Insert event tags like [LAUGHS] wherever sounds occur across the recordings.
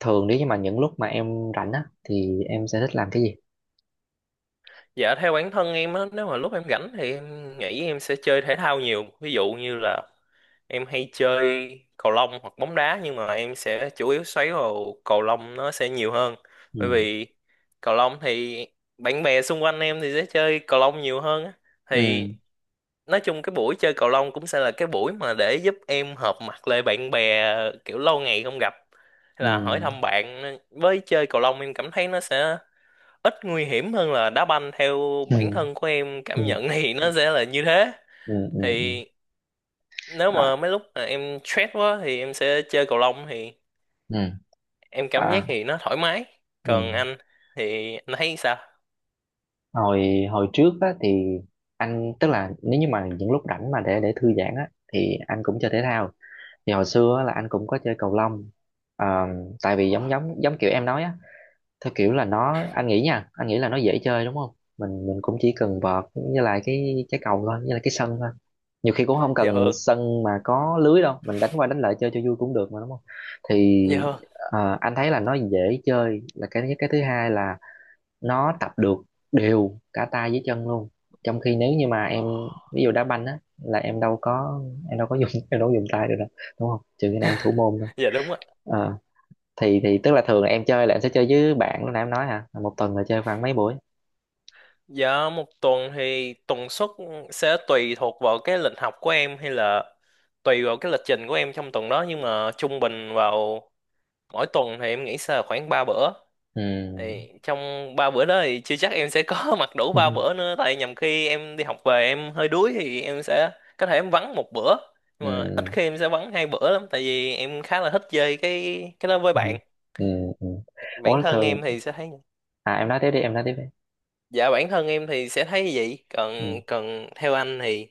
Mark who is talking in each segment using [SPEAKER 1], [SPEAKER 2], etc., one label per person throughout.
[SPEAKER 1] Thường nếu như mà những lúc mà em rảnh á thì em sẽ thích làm cái gì?
[SPEAKER 2] Dạ theo bản thân em á, nếu mà lúc em rảnh thì em nghĩ em sẽ chơi thể thao nhiều. Ví dụ như là em hay chơi cầu lông hoặc bóng đá, nhưng mà em sẽ chủ yếu xoáy vào cầu lông, nó sẽ nhiều hơn. Bởi
[SPEAKER 1] Ừ.
[SPEAKER 2] vì cầu lông thì bạn bè xung quanh em thì sẽ chơi cầu lông nhiều hơn á. Thì
[SPEAKER 1] Ừ,
[SPEAKER 2] nói chung cái buổi chơi cầu lông cũng sẽ là cái buổi mà để giúp em hợp mặt lại bạn bè kiểu lâu ngày không gặp. Hay
[SPEAKER 1] ừ,
[SPEAKER 2] là hỏi thăm bạn, với chơi cầu lông em cảm thấy nó sẽ ít nguy hiểm hơn là đá banh, theo bản
[SPEAKER 1] ừ,
[SPEAKER 2] thân của em
[SPEAKER 1] ừ,
[SPEAKER 2] cảm nhận thì nó sẽ là như thế.
[SPEAKER 1] ừ, ừ, ừ.
[SPEAKER 2] Thì nếu
[SPEAKER 1] À,
[SPEAKER 2] mà mấy lúc mà em stress quá thì em sẽ chơi cầu lông, thì
[SPEAKER 1] ừ.
[SPEAKER 2] em cảm giác
[SPEAKER 1] À,
[SPEAKER 2] thì nó thoải mái.
[SPEAKER 1] ừ.
[SPEAKER 2] Còn anh thì anh thấy sao?
[SPEAKER 1] Hồi hồi trước á thì anh, tức là nếu như mà những lúc rảnh mà để thư giãn á thì anh cũng chơi thể thao. Thì hồi xưa á, là anh cũng có chơi cầu lông. Ờ, Tại vì giống giống giống kiểu em nói á, theo kiểu là nó, anh nghĩ nha, anh nghĩ là nó dễ chơi đúng không? Mình cũng chỉ cần vợt như là cái trái cầu thôi, như là cái sân thôi. Nhiều khi cũng không
[SPEAKER 2] Dạ
[SPEAKER 1] cần
[SPEAKER 2] hơn,
[SPEAKER 1] sân mà có lưới đâu, mình đánh qua đánh lại chơi cho vui cũng được mà, đúng không? Thì
[SPEAKER 2] dạ hơn.
[SPEAKER 1] anh thấy là nó dễ chơi là cái thứ nhất, cái thứ hai là nó tập được đều cả tay với chân luôn. Trong khi nếu như mà em, ví dụ đá banh á, là em đâu có dùng [LAUGHS] em đâu có dùng tay được đâu, đúng không, trừ khi nào em thủ môn thôi.
[SPEAKER 2] Dạ đúng ạ.
[SPEAKER 1] Ờ, thì tức là thường là em chơi là em sẽ chơi với bạn lúc nãy em nói hả, một tuần là chơi khoảng mấy buổi?
[SPEAKER 2] Dạ một tuần thì tần suất sẽ tùy thuộc vào cái lịch học của em, hay là tùy vào cái lịch trình của em trong tuần đó, nhưng mà trung bình vào mỗi tuần thì em nghĩ sẽ là khoảng 3 bữa.
[SPEAKER 1] Ừ.
[SPEAKER 2] Thì trong ba bữa đó thì chưa chắc em sẽ có [LAUGHS] mặc đủ ba
[SPEAKER 1] Ừ.
[SPEAKER 2] bữa nữa, tại nhầm khi em đi học về em hơi đuối thì em sẽ có thể em vắng một bữa, nhưng mà ít
[SPEAKER 1] Ừ.
[SPEAKER 2] khi em sẽ vắng hai bữa lắm tại vì em khá là thích chơi cái đó với
[SPEAKER 1] Ừ.
[SPEAKER 2] bạn.
[SPEAKER 1] Ừ. Ừ. Ủa
[SPEAKER 2] Bản thân
[SPEAKER 1] thường,
[SPEAKER 2] em thì sẽ thấy.
[SPEAKER 1] à, em nói tiếp đi.
[SPEAKER 2] Dạ bản thân em thì sẽ thấy như vậy, còn
[SPEAKER 1] Ừ.
[SPEAKER 2] còn theo anh thì?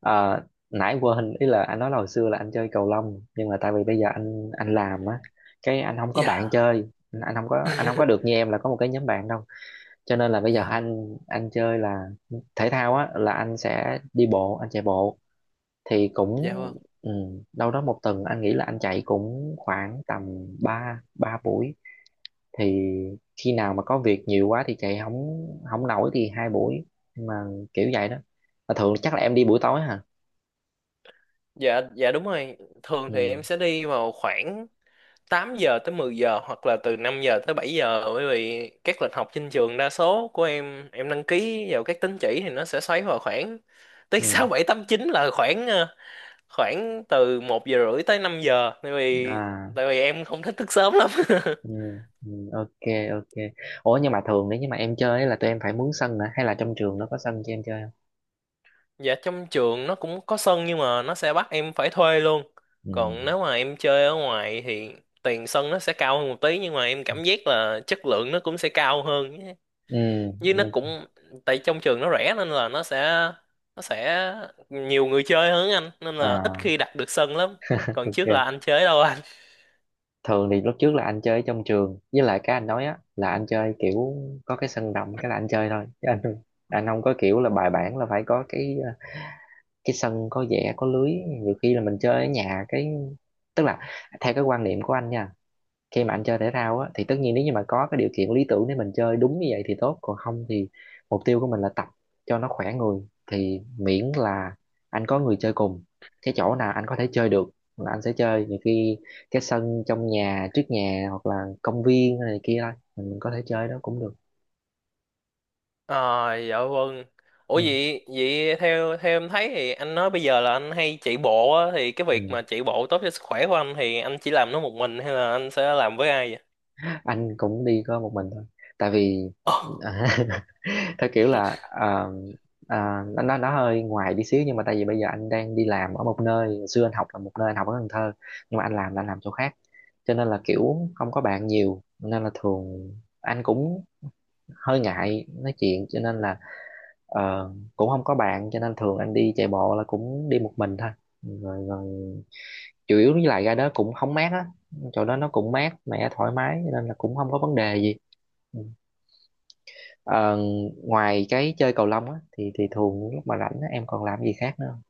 [SPEAKER 1] Ờ, nãy quên ý là anh nói là hồi xưa là anh chơi cầu lông nhưng mà tại vì bây giờ anh làm á, cái anh không có
[SPEAKER 2] Dạ.
[SPEAKER 1] bạn chơi, anh không có được như
[SPEAKER 2] [LAUGHS]
[SPEAKER 1] em là có một cái nhóm bạn đâu. Cho nên là bây giờ anh chơi là thể thao á, là anh sẽ đi bộ, anh chạy bộ. Thì cũng,
[SPEAKER 2] Dạ vâng.
[SPEAKER 1] ừ, đâu đó một tuần anh nghĩ là anh chạy cũng khoảng tầm 3 ba buổi. Thì khi nào mà có việc nhiều quá thì chạy không không nổi thì hai buổi. Nhưng mà kiểu vậy đó. Mà thường chắc là em đi buổi tối hả?
[SPEAKER 2] Dạ dạ đúng rồi, thường thì
[SPEAKER 1] Ừ,
[SPEAKER 2] em sẽ đi vào khoảng 8 giờ tới 10 giờ, hoặc là từ 5 giờ tới 7 giờ, bởi vì các lịch học trên trường đa số của em đăng ký vào các tín chỉ thì nó sẽ xoáy vào khoảng [LAUGHS] tới
[SPEAKER 1] ừ.
[SPEAKER 2] 6 7 8 chín, là khoảng khoảng từ một giờ rưỡi tới 5 giờ,
[SPEAKER 1] À,
[SPEAKER 2] tại vì em không thích thức sớm lắm. [LAUGHS]
[SPEAKER 1] ừ, ừ, ok. Ok. Ủa nhưng mà thường nếu như mà em chơi ấy, là tụi em phải mướn sân hả hay là trong trường nó có sân cho em chơi không?
[SPEAKER 2] Dạ trong trường nó cũng có sân, nhưng mà nó sẽ bắt em phải thuê luôn.
[SPEAKER 1] Ừ,
[SPEAKER 2] Còn nếu mà em chơi ở ngoài thì tiền sân nó sẽ cao hơn một tí, nhưng mà em cảm giác là chất lượng nó cũng sẽ cao hơn.
[SPEAKER 1] ừ,
[SPEAKER 2] Với nó
[SPEAKER 1] ừ.
[SPEAKER 2] cũng tại trong trường nó rẻ nên là nó sẽ nhiều người chơi hơn anh, nên là ít
[SPEAKER 1] À,
[SPEAKER 2] khi đặt được sân lắm. Còn trước
[SPEAKER 1] ok.
[SPEAKER 2] là anh chơi đâu anh?
[SPEAKER 1] Thường thì lúc trước là anh chơi ở trong trường, với lại cái anh nói á là anh chơi kiểu có cái sân rộng cái là anh chơi thôi, chứ anh không, anh không có kiểu là bài bản là phải có cái cái sân có vẽ có lưới. Nhiều khi là mình chơi ở nhà cái, tức là theo cái quan niệm của anh nha, khi mà anh chơi thể thao á thì tất nhiên nếu như mà có cái điều kiện lý tưởng để mình chơi đúng như vậy thì tốt, còn không thì mục tiêu của mình là tập cho nó khỏe người. Thì miễn là anh có người chơi cùng, cái chỗ nào anh có thể chơi được là anh sẽ chơi. Nhiều khi cái sân trong nhà, trước nhà hoặc là công viên này kia thôi mình có thể chơi đó cũng được.
[SPEAKER 2] Ờ dạ vâng. Ủa
[SPEAKER 1] Ừ.
[SPEAKER 2] vậy vậy theo theo em thấy thì anh nói bây giờ là anh hay chạy bộ á, thì cái việc
[SPEAKER 1] Ừ.
[SPEAKER 2] mà chạy bộ tốt cho sức khỏe của anh, thì anh chỉ làm nó một mình hay là anh sẽ làm với ai
[SPEAKER 1] Anh cũng đi có một mình thôi. Tại vì
[SPEAKER 2] vậy?
[SPEAKER 1] [LAUGHS] theo kiểu là, nó nó hơi ngoài đi xíu, nhưng mà tại vì bây giờ anh đang đi làm ở một nơi. Hồi xưa anh học là một nơi, anh học ở Cần Thơ, nhưng mà anh làm là anh làm chỗ khác. Cho nên là kiểu không có bạn nhiều, nên là thường anh cũng hơi ngại nói chuyện, cho nên là ờ, cũng không có bạn, cho nên thường anh đi chạy bộ là cũng đi một mình thôi. Rồi rồi Chủ yếu với lại ra đó cũng không mát á, chỗ đó nó cũng mát mẻ thoải mái cho nên là cũng không có vấn đề gì. Ừ. Ờ, ngoài cái chơi cầu lông á thì thường lúc mà rảnh á, em còn làm gì khác nữa không?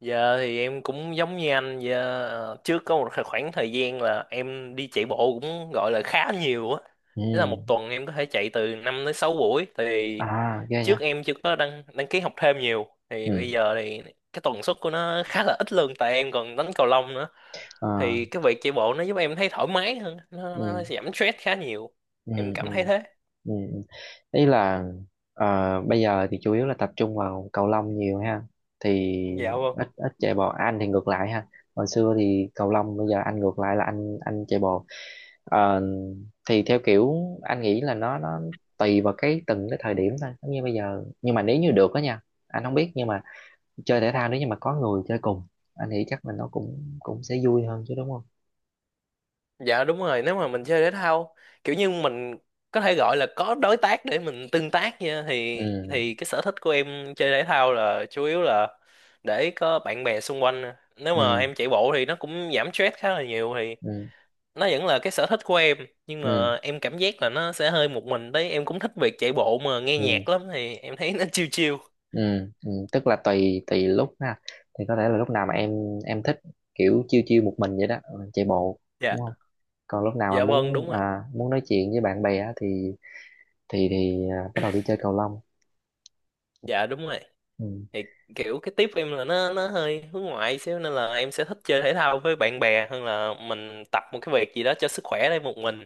[SPEAKER 2] Giờ thì em cũng giống như anh giờ trước có một khoảng thời gian là em đi chạy bộ cũng gọi là khá nhiều á.
[SPEAKER 1] Ừ.
[SPEAKER 2] Tức là một tuần em có thể chạy từ 5 tới 6 buổi. Thì
[SPEAKER 1] À, ghê vậy.
[SPEAKER 2] trước em chưa có đăng đăng ký học thêm nhiều, thì bây
[SPEAKER 1] Ừ.
[SPEAKER 2] giờ thì cái tần suất của nó khá là ít luôn, tại em còn đánh cầu lông nữa.
[SPEAKER 1] Ờ.
[SPEAKER 2] Thì cái việc chạy bộ nó giúp em thấy thoải mái hơn, nó
[SPEAKER 1] Ừ.
[SPEAKER 2] giảm stress khá nhiều.
[SPEAKER 1] Ừ.
[SPEAKER 2] Em
[SPEAKER 1] Ừ.
[SPEAKER 2] cảm thấy thế.
[SPEAKER 1] Ừ. Ý là, bây giờ thì chủ yếu là tập trung vào cầu lông nhiều ha, thì
[SPEAKER 2] Dạ vâng.
[SPEAKER 1] ít ít chạy bộ. À, anh thì ngược lại ha, hồi xưa thì cầu lông, bây giờ anh ngược lại là anh chạy bộ. Ờ, thì theo kiểu anh nghĩ là nó tùy vào cái từng cái thời điểm thôi, giống như bây giờ. Nhưng mà nếu như được đó nha, anh không biết, nhưng mà chơi thể thao nếu như mà có người chơi cùng anh nghĩ chắc là nó cũng cũng sẽ vui hơn chứ, đúng không?
[SPEAKER 2] Dạ đúng rồi, nếu mà mình chơi thể thao kiểu như mình có thể gọi là có đối tác để mình tương tác nha,
[SPEAKER 1] Ừ.
[SPEAKER 2] thì cái sở thích của em chơi thể thao là chủ yếu là để có bạn bè xung quanh nè. Nếu mà
[SPEAKER 1] Ừ.
[SPEAKER 2] em chạy bộ thì nó cũng giảm stress khá là nhiều, thì
[SPEAKER 1] Ừ.
[SPEAKER 2] nó vẫn là cái sở thích của em, nhưng
[SPEAKER 1] Ừ.
[SPEAKER 2] mà em cảm giác là nó sẽ hơi một mình đấy, em cũng thích việc chạy bộ mà nghe
[SPEAKER 1] Ừ.
[SPEAKER 2] nhạc lắm thì em thấy nó [LAUGHS] chill chill.
[SPEAKER 1] Ừ, ừ, tức là tùy tùy lúc ha, thì có thể là lúc nào mà em thích kiểu chiêu chiêu một mình vậy đó, ừ, chạy bộ,
[SPEAKER 2] Dạ.
[SPEAKER 1] đúng không? Còn lúc nào mà
[SPEAKER 2] Dạ vâng đúng
[SPEAKER 1] muốn,
[SPEAKER 2] rồi.
[SPEAKER 1] à, muốn nói chuyện với bạn bè á, thì thì à, bắt đầu đi chơi cầu lông.
[SPEAKER 2] Dạ đúng rồi.
[SPEAKER 1] Ừ,
[SPEAKER 2] Thì kiểu cái tiếp em là nó hơi hướng ngoại xíu nên là em sẽ thích chơi thể thao với bạn bè hơn là mình tập một cái việc gì đó cho sức khỏe đây một mình.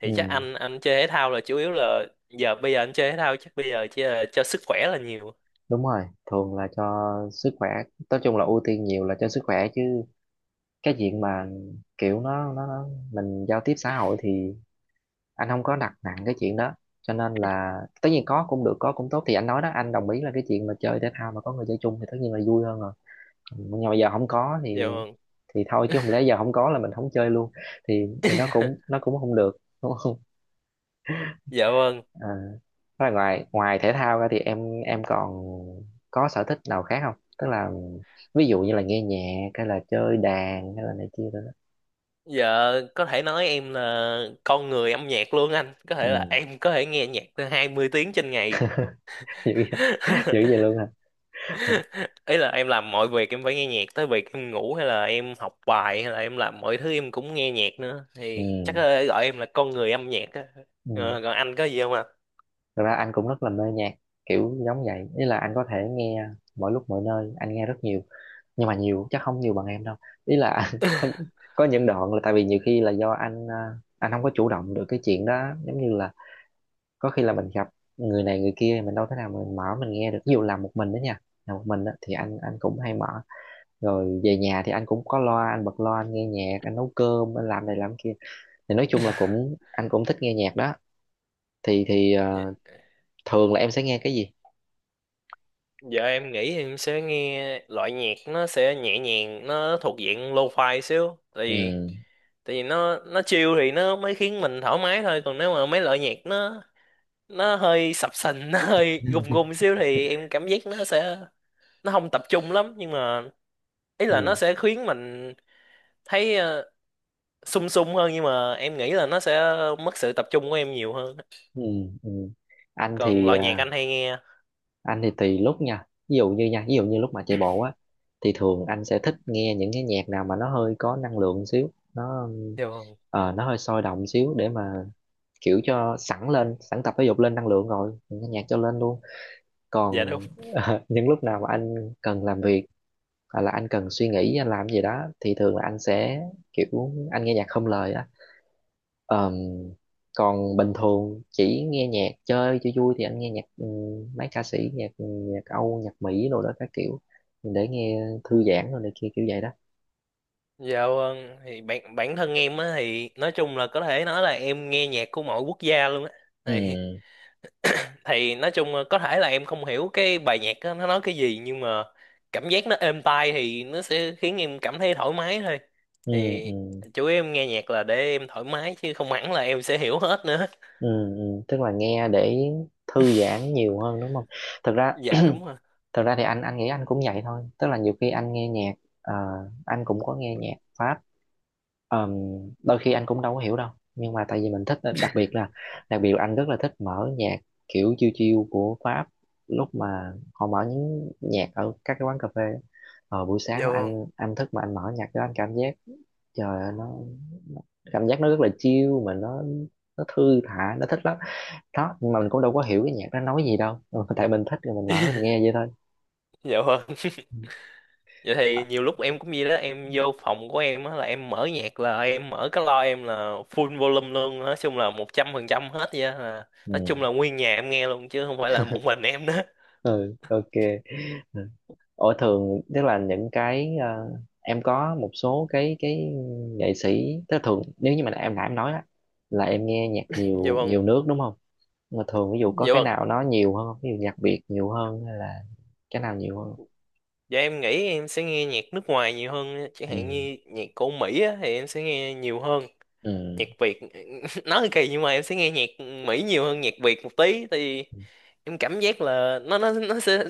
[SPEAKER 2] Thì chắc
[SPEAKER 1] ừ,
[SPEAKER 2] anh chơi thể thao là chủ yếu là giờ, bây giờ anh chơi thể thao chắc bây giờ chỉ là cho sức khỏe là nhiều.
[SPEAKER 1] đúng rồi, thường là cho sức khỏe. Nói chung là ưu tiên nhiều là cho sức khỏe, chứ cái chuyện mà kiểu nó mình giao tiếp xã hội thì anh không có đặt nặng cái chuyện đó. Cho nên là tất nhiên có cũng được, có cũng tốt. Thì anh nói đó, anh đồng ý là cái chuyện mà chơi thể thao mà có người chơi chung thì tất nhiên là vui hơn rồi. Ừ, nhưng mà bây giờ không có
[SPEAKER 2] Dạ vâng.
[SPEAKER 1] thì thôi, chứ không lẽ giờ không có là mình không chơi luôn, thì nó cũng
[SPEAKER 2] [LAUGHS]
[SPEAKER 1] không được, đúng không?
[SPEAKER 2] Dạ
[SPEAKER 1] [LAUGHS]
[SPEAKER 2] vâng.
[SPEAKER 1] À, thế là ngoài ngoài thể thao ra thì em còn có sở thích nào khác không, tức là ví dụ như là nghe nhạc hay là chơi đàn hay là này kia rồi đó.
[SPEAKER 2] Dạ có thể nói em là con người âm nhạc luôn anh, có thể là
[SPEAKER 1] Ừ.
[SPEAKER 2] em có thể nghe nhạc tới 20 tiếng trên ngày.
[SPEAKER 1] [LAUGHS] Dữ vậy,
[SPEAKER 2] [LAUGHS]
[SPEAKER 1] dữ vậy luôn hả?
[SPEAKER 2] [LAUGHS] Ý là em làm mọi việc em phải nghe nhạc, tới việc em ngủ hay là em học bài hay là em làm mọi thứ em cũng nghe nhạc nữa,
[SPEAKER 1] Ừ.
[SPEAKER 2] thì chắc là gọi em là con người âm nhạc á.
[SPEAKER 1] Ừ.
[SPEAKER 2] Ờ, còn anh có gì không ạ?
[SPEAKER 1] Thật ra anh cũng rất là mê nhạc kiểu giống vậy, ý là anh có thể nghe mọi lúc mọi nơi, anh nghe rất nhiều, nhưng mà nhiều chắc không nhiều bằng em đâu. Ý là [LAUGHS] anh có những đoạn là tại vì nhiều khi là do anh, anh không có chủ động được cái chuyện đó, giống như là có khi là mình gặp người này người kia mình đâu thể nào mình mở mình nghe được. Ví dụ làm một mình đó nha, làm một mình đó thì anh cũng hay mở. Rồi về nhà thì anh cũng có loa, anh bật loa, anh nghe nhạc, anh nấu cơm, anh làm này làm kia. Thì nói chung là
[SPEAKER 2] [LAUGHS]
[SPEAKER 1] cũng, anh cũng thích nghe nhạc đó. Thì
[SPEAKER 2] Dạ-
[SPEAKER 1] thường là em sẽ nghe cái gì?
[SPEAKER 2] Giờ em nghĩ em sẽ nghe loại nhạc nó sẽ nhẹ nhàng, nó thuộc diện lo-fi xíu.
[SPEAKER 1] Ừ.
[SPEAKER 2] Tại vì nó chill thì nó mới khiến mình thoải mái thôi, còn nếu mà mấy loại nhạc nó hơi sập sình, [LAUGHS] nó hơi gùng gùng
[SPEAKER 1] [LAUGHS]
[SPEAKER 2] xíu thì em cảm giác nó sẽ nó không tập trung lắm, nhưng mà ý là nó
[SPEAKER 1] Ừ,
[SPEAKER 2] sẽ khiến mình thấy sung sung hơn, nhưng mà em nghĩ là nó sẽ mất sự tập trung của em nhiều hơn.
[SPEAKER 1] ừ, ừ. Anh
[SPEAKER 2] Còn
[SPEAKER 1] thì
[SPEAKER 2] loại nhạc
[SPEAKER 1] à,
[SPEAKER 2] anh hay nghe?
[SPEAKER 1] anh thì tùy lúc nha, ví dụ như nha, ví dụ như lúc mà chạy bộ á thì thường anh sẽ thích nghe những cái nhạc nào mà nó hơi có năng lượng xíu. Nó
[SPEAKER 2] Dạ vâng.
[SPEAKER 1] nó hơi sôi động xíu để mà kiểu cho sẵn lên, sẵn tập thể dục lên năng lượng, rồi những cái nhạc cho lên luôn.
[SPEAKER 2] Dạ
[SPEAKER 1] Còn
[SPEAKER 2] đúng.
[SPEAKER 1] [LAUGHS] những lúc nào mà anh cần làm việc hoặc là anh cần suy nghĩ anh làm gì đó thì thường là anh sẽ kiểu anh nghe nhạc không lời. Ờm, Còn bình thường chỉ nghe nhạc chơi cho vui thì anh nghe nhạc, mấy ca sĩ nhạc nhạc Âu nhạc Mỹ rồi đó các kiểu, để nghe thư giãn rồi này kia kiểu vậy đó.
[SPEAKER 2] Dạ vâng. Thì bản bản thân em á thì nói chung là có thể nói là em nghe nhạc của mọi quốc gia luôn á. thì
[SPEAKER 1] Ừ.
[SPEAKER 2] thì nói chung là có thể là em không hiểu cái bài nhạc á, nó nói cái gì, nhưng mà cảm giác nó êm tai thì nó sẽ khiến em cảm thấy thoải mái thôi.
[SPEAKER 1] Ừ.
[SPEAKER 2] Thì
[SPEAKER 1] Ừ.
[SPEAKER 2] chủ yếu em nghe nhạc là để em thoải mái chứ không hẳn là em sẽ hiểu hết nữa.
[SPEAKER 1] Ừ. Ừ. Tức là nghe để thư giãn nhiều hơn, đúng không? thực ra
[SPEAKER 2] Dạ đúng rồi.
[SPEAKER 1] Thực ra thì anh nghĩ anh cũng vậy thôi, tức là nhiều khi anh nghe nhạc, ờ, anh cũng có nghe nhạc Pháp. Ờm, Đôi khi anh cũng đâu có hiểu đâu, nhưng mà tại vì mình thích, đặc biệt là anh rất là thích mở nhạc kiểu chill chill của Pháp, lúc mà họ mở những nhạc ở các cái quán cà phê á. Ờ, buổi sáng
[SPEAKER 2] Dạ
[SPEAKER 1] mà
[SPEAKER 2] vâng,
[SPEAKER 1] anh thức mà anh mở nhạc đó, anh cảm giác trời ơi, nó cảm giác nó rất là chill, mà nó thư thả, nó thích lắm đó. Nhưng mà mình cũng đâu có hiểu cái nhạc nó nói gì đâu, ừ, [LAUGHS] tại mình thích rồi mình mở mình nghe vậy thôi.
[SPEAKER 2] dạ vâng.
[SPEAKER 1] Ừ.
[SPEAKER 2] Vậy
[SPEAKER 1] Ờ.
[SPEAKER 2] thì nhiều lúc em cũng vậy đó, em vô phòng của em á là em mở nhạc là em mở cái loa em là full volume luôn, nói chung là 100% hết vậy á, là nói chung là nguyên nhà em nghe luôn chứ không phải là một mình em đó.
[SPEAKER 1] Ừ, ok. Ở thường tức là những cái em có một số cái nghệ sĩ, tức là thường nếu như mà em nãy em nói á là em nghe nhạc
[SPEAKER 2] [LAUGHS] Dạ
[SPEAKER 1] nhiều
[SPEAKER 2] vâng,
[SPEAKER 1] nhiều nước đúng không? Mà thường ví dụ có
[SPEAKER 2] dạ
[SPEAKER 1] cái
[SPEAKER 2] vâng.
[SPEAKER 1] nào nó nhiều hơn không? Ví dụ nhạc Việt nhiều hơn hay là cái nào nhiều hơn?
[SPEAKER 2] Dạ em nghĩ em sẽ nghe nhạc nước ngoài nhiều hơn á. Chẳng
[SPEAKER 1] Ừ.
[SPEAKER 2] hạn như nhạc của Mỹ á thì em sẽ nghe nhiều hơn.
[SPEAKER 1] Ừ.
[SPEAKER 2] Nhạc Việt [LAUGHS] nói thì kỳ nhưng mà em sẽ nghe nhạc Mỹ nhiều hơn nhạc Việt một tí, thì
[SPEAKER 1] Ừ.
[SPEAKER 2] em cảm giác là nó sẽ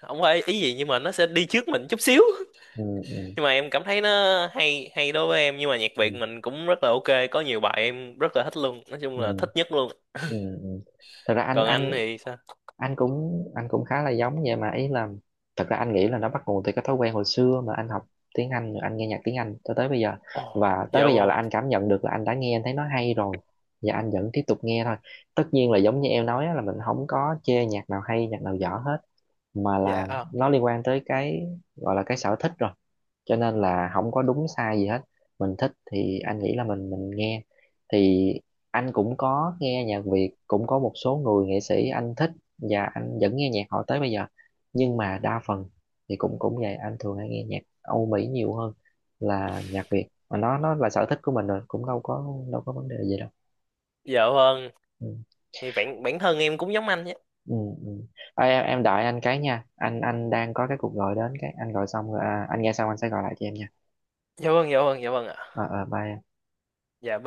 [SPEAKER 2] không phải ý gì nhưng mà nó sẽ đi trước mình chút xíu,
[SPEAKER 1] Ừ. Ừ.
[SPEAKER 2] nhưng mà em cảm thấy nó hay hay đối với em, nhưng mà nhạc Việt
[SPEAKER 1] Ừ.
[SPEAKER 2] mình cũng rất là ok, có nhiều bài em rất là thích luôn, nói chung
[SPEAKER 1] Ừ.
[SPEAKER 2] là thích nhất luôn.
[SPEAKER 1] Ừ. Ừ. Thật ra anh
[SPEAKER 2] Còn anh
[SPEAKER 1] anh
[SPEAKER 2] thì sao?
[SPEAKER 1] anh cũng khá là giống vậy mà, ý là thật ra anh nghĩ là nó bắt nguồn từ cái thói quen hồi xưa mà anh học tiếng Anh rồi anh nghe nhạc tiếng Anh cho tới bây giờ.
[SPEAKER 2] Ồ
[SPEAKER 1] Và tới
[SPEAKER 2] dạ
[SPEAKER 1] bây giờ là
[SPEAKER 2] vâng.
[SPEAKER 1] anh cảm nhận được là anh đã nghe, anh thấy nó hay rồi và anh vẫn tiếp tục nghe thôi. Tất nhiên là giống như em nói á, là mình không có chê nhạc nào hay nhạc nào dở hết, mà
[SPEAKER 2] Dạ
[SPEAKER 1] là nó liên quan tới cái, gọi là cái sở thích rồi, cho nên là không có đúng sai gì hết. Mình thích thì anh nghĩ là mình nghe. Thì anh cũng có nghe nhạc Việt, cũng có một số người nghệ sĩ anh thích và anh vẫn nghe nhạc họ tới bây giờ. Nhưng mà đa phần thì cũng cũng vậy, anh thường hay nghe nhạc Âu Mỹ nhiều hơn là nhạc Việt. Mà nó là sở thích của mình rồi, cũng đâu có vấn đề gì đâu.
[SPEAKER 2] dạ vâng.
[SPEAKER 1] Ừ.
[SPEAKER 2] Thì bản bản thân em cũng giống anh nhé.
[SPEAKER 1] Ừ, ừ. Ê, em đợi anh cái nha, anh đang có cái cuộc gọi đến, cái anh gọi xong rồi, à, anh nghe xong anh sẽ gọi lại cho em nha.
[SPEAKER 2] Dạ vâng, dạ vâng, dạ vâng ạ.
[SPEAKER 1] Ờ, bye em.
[SPEAKER 2] Dạ.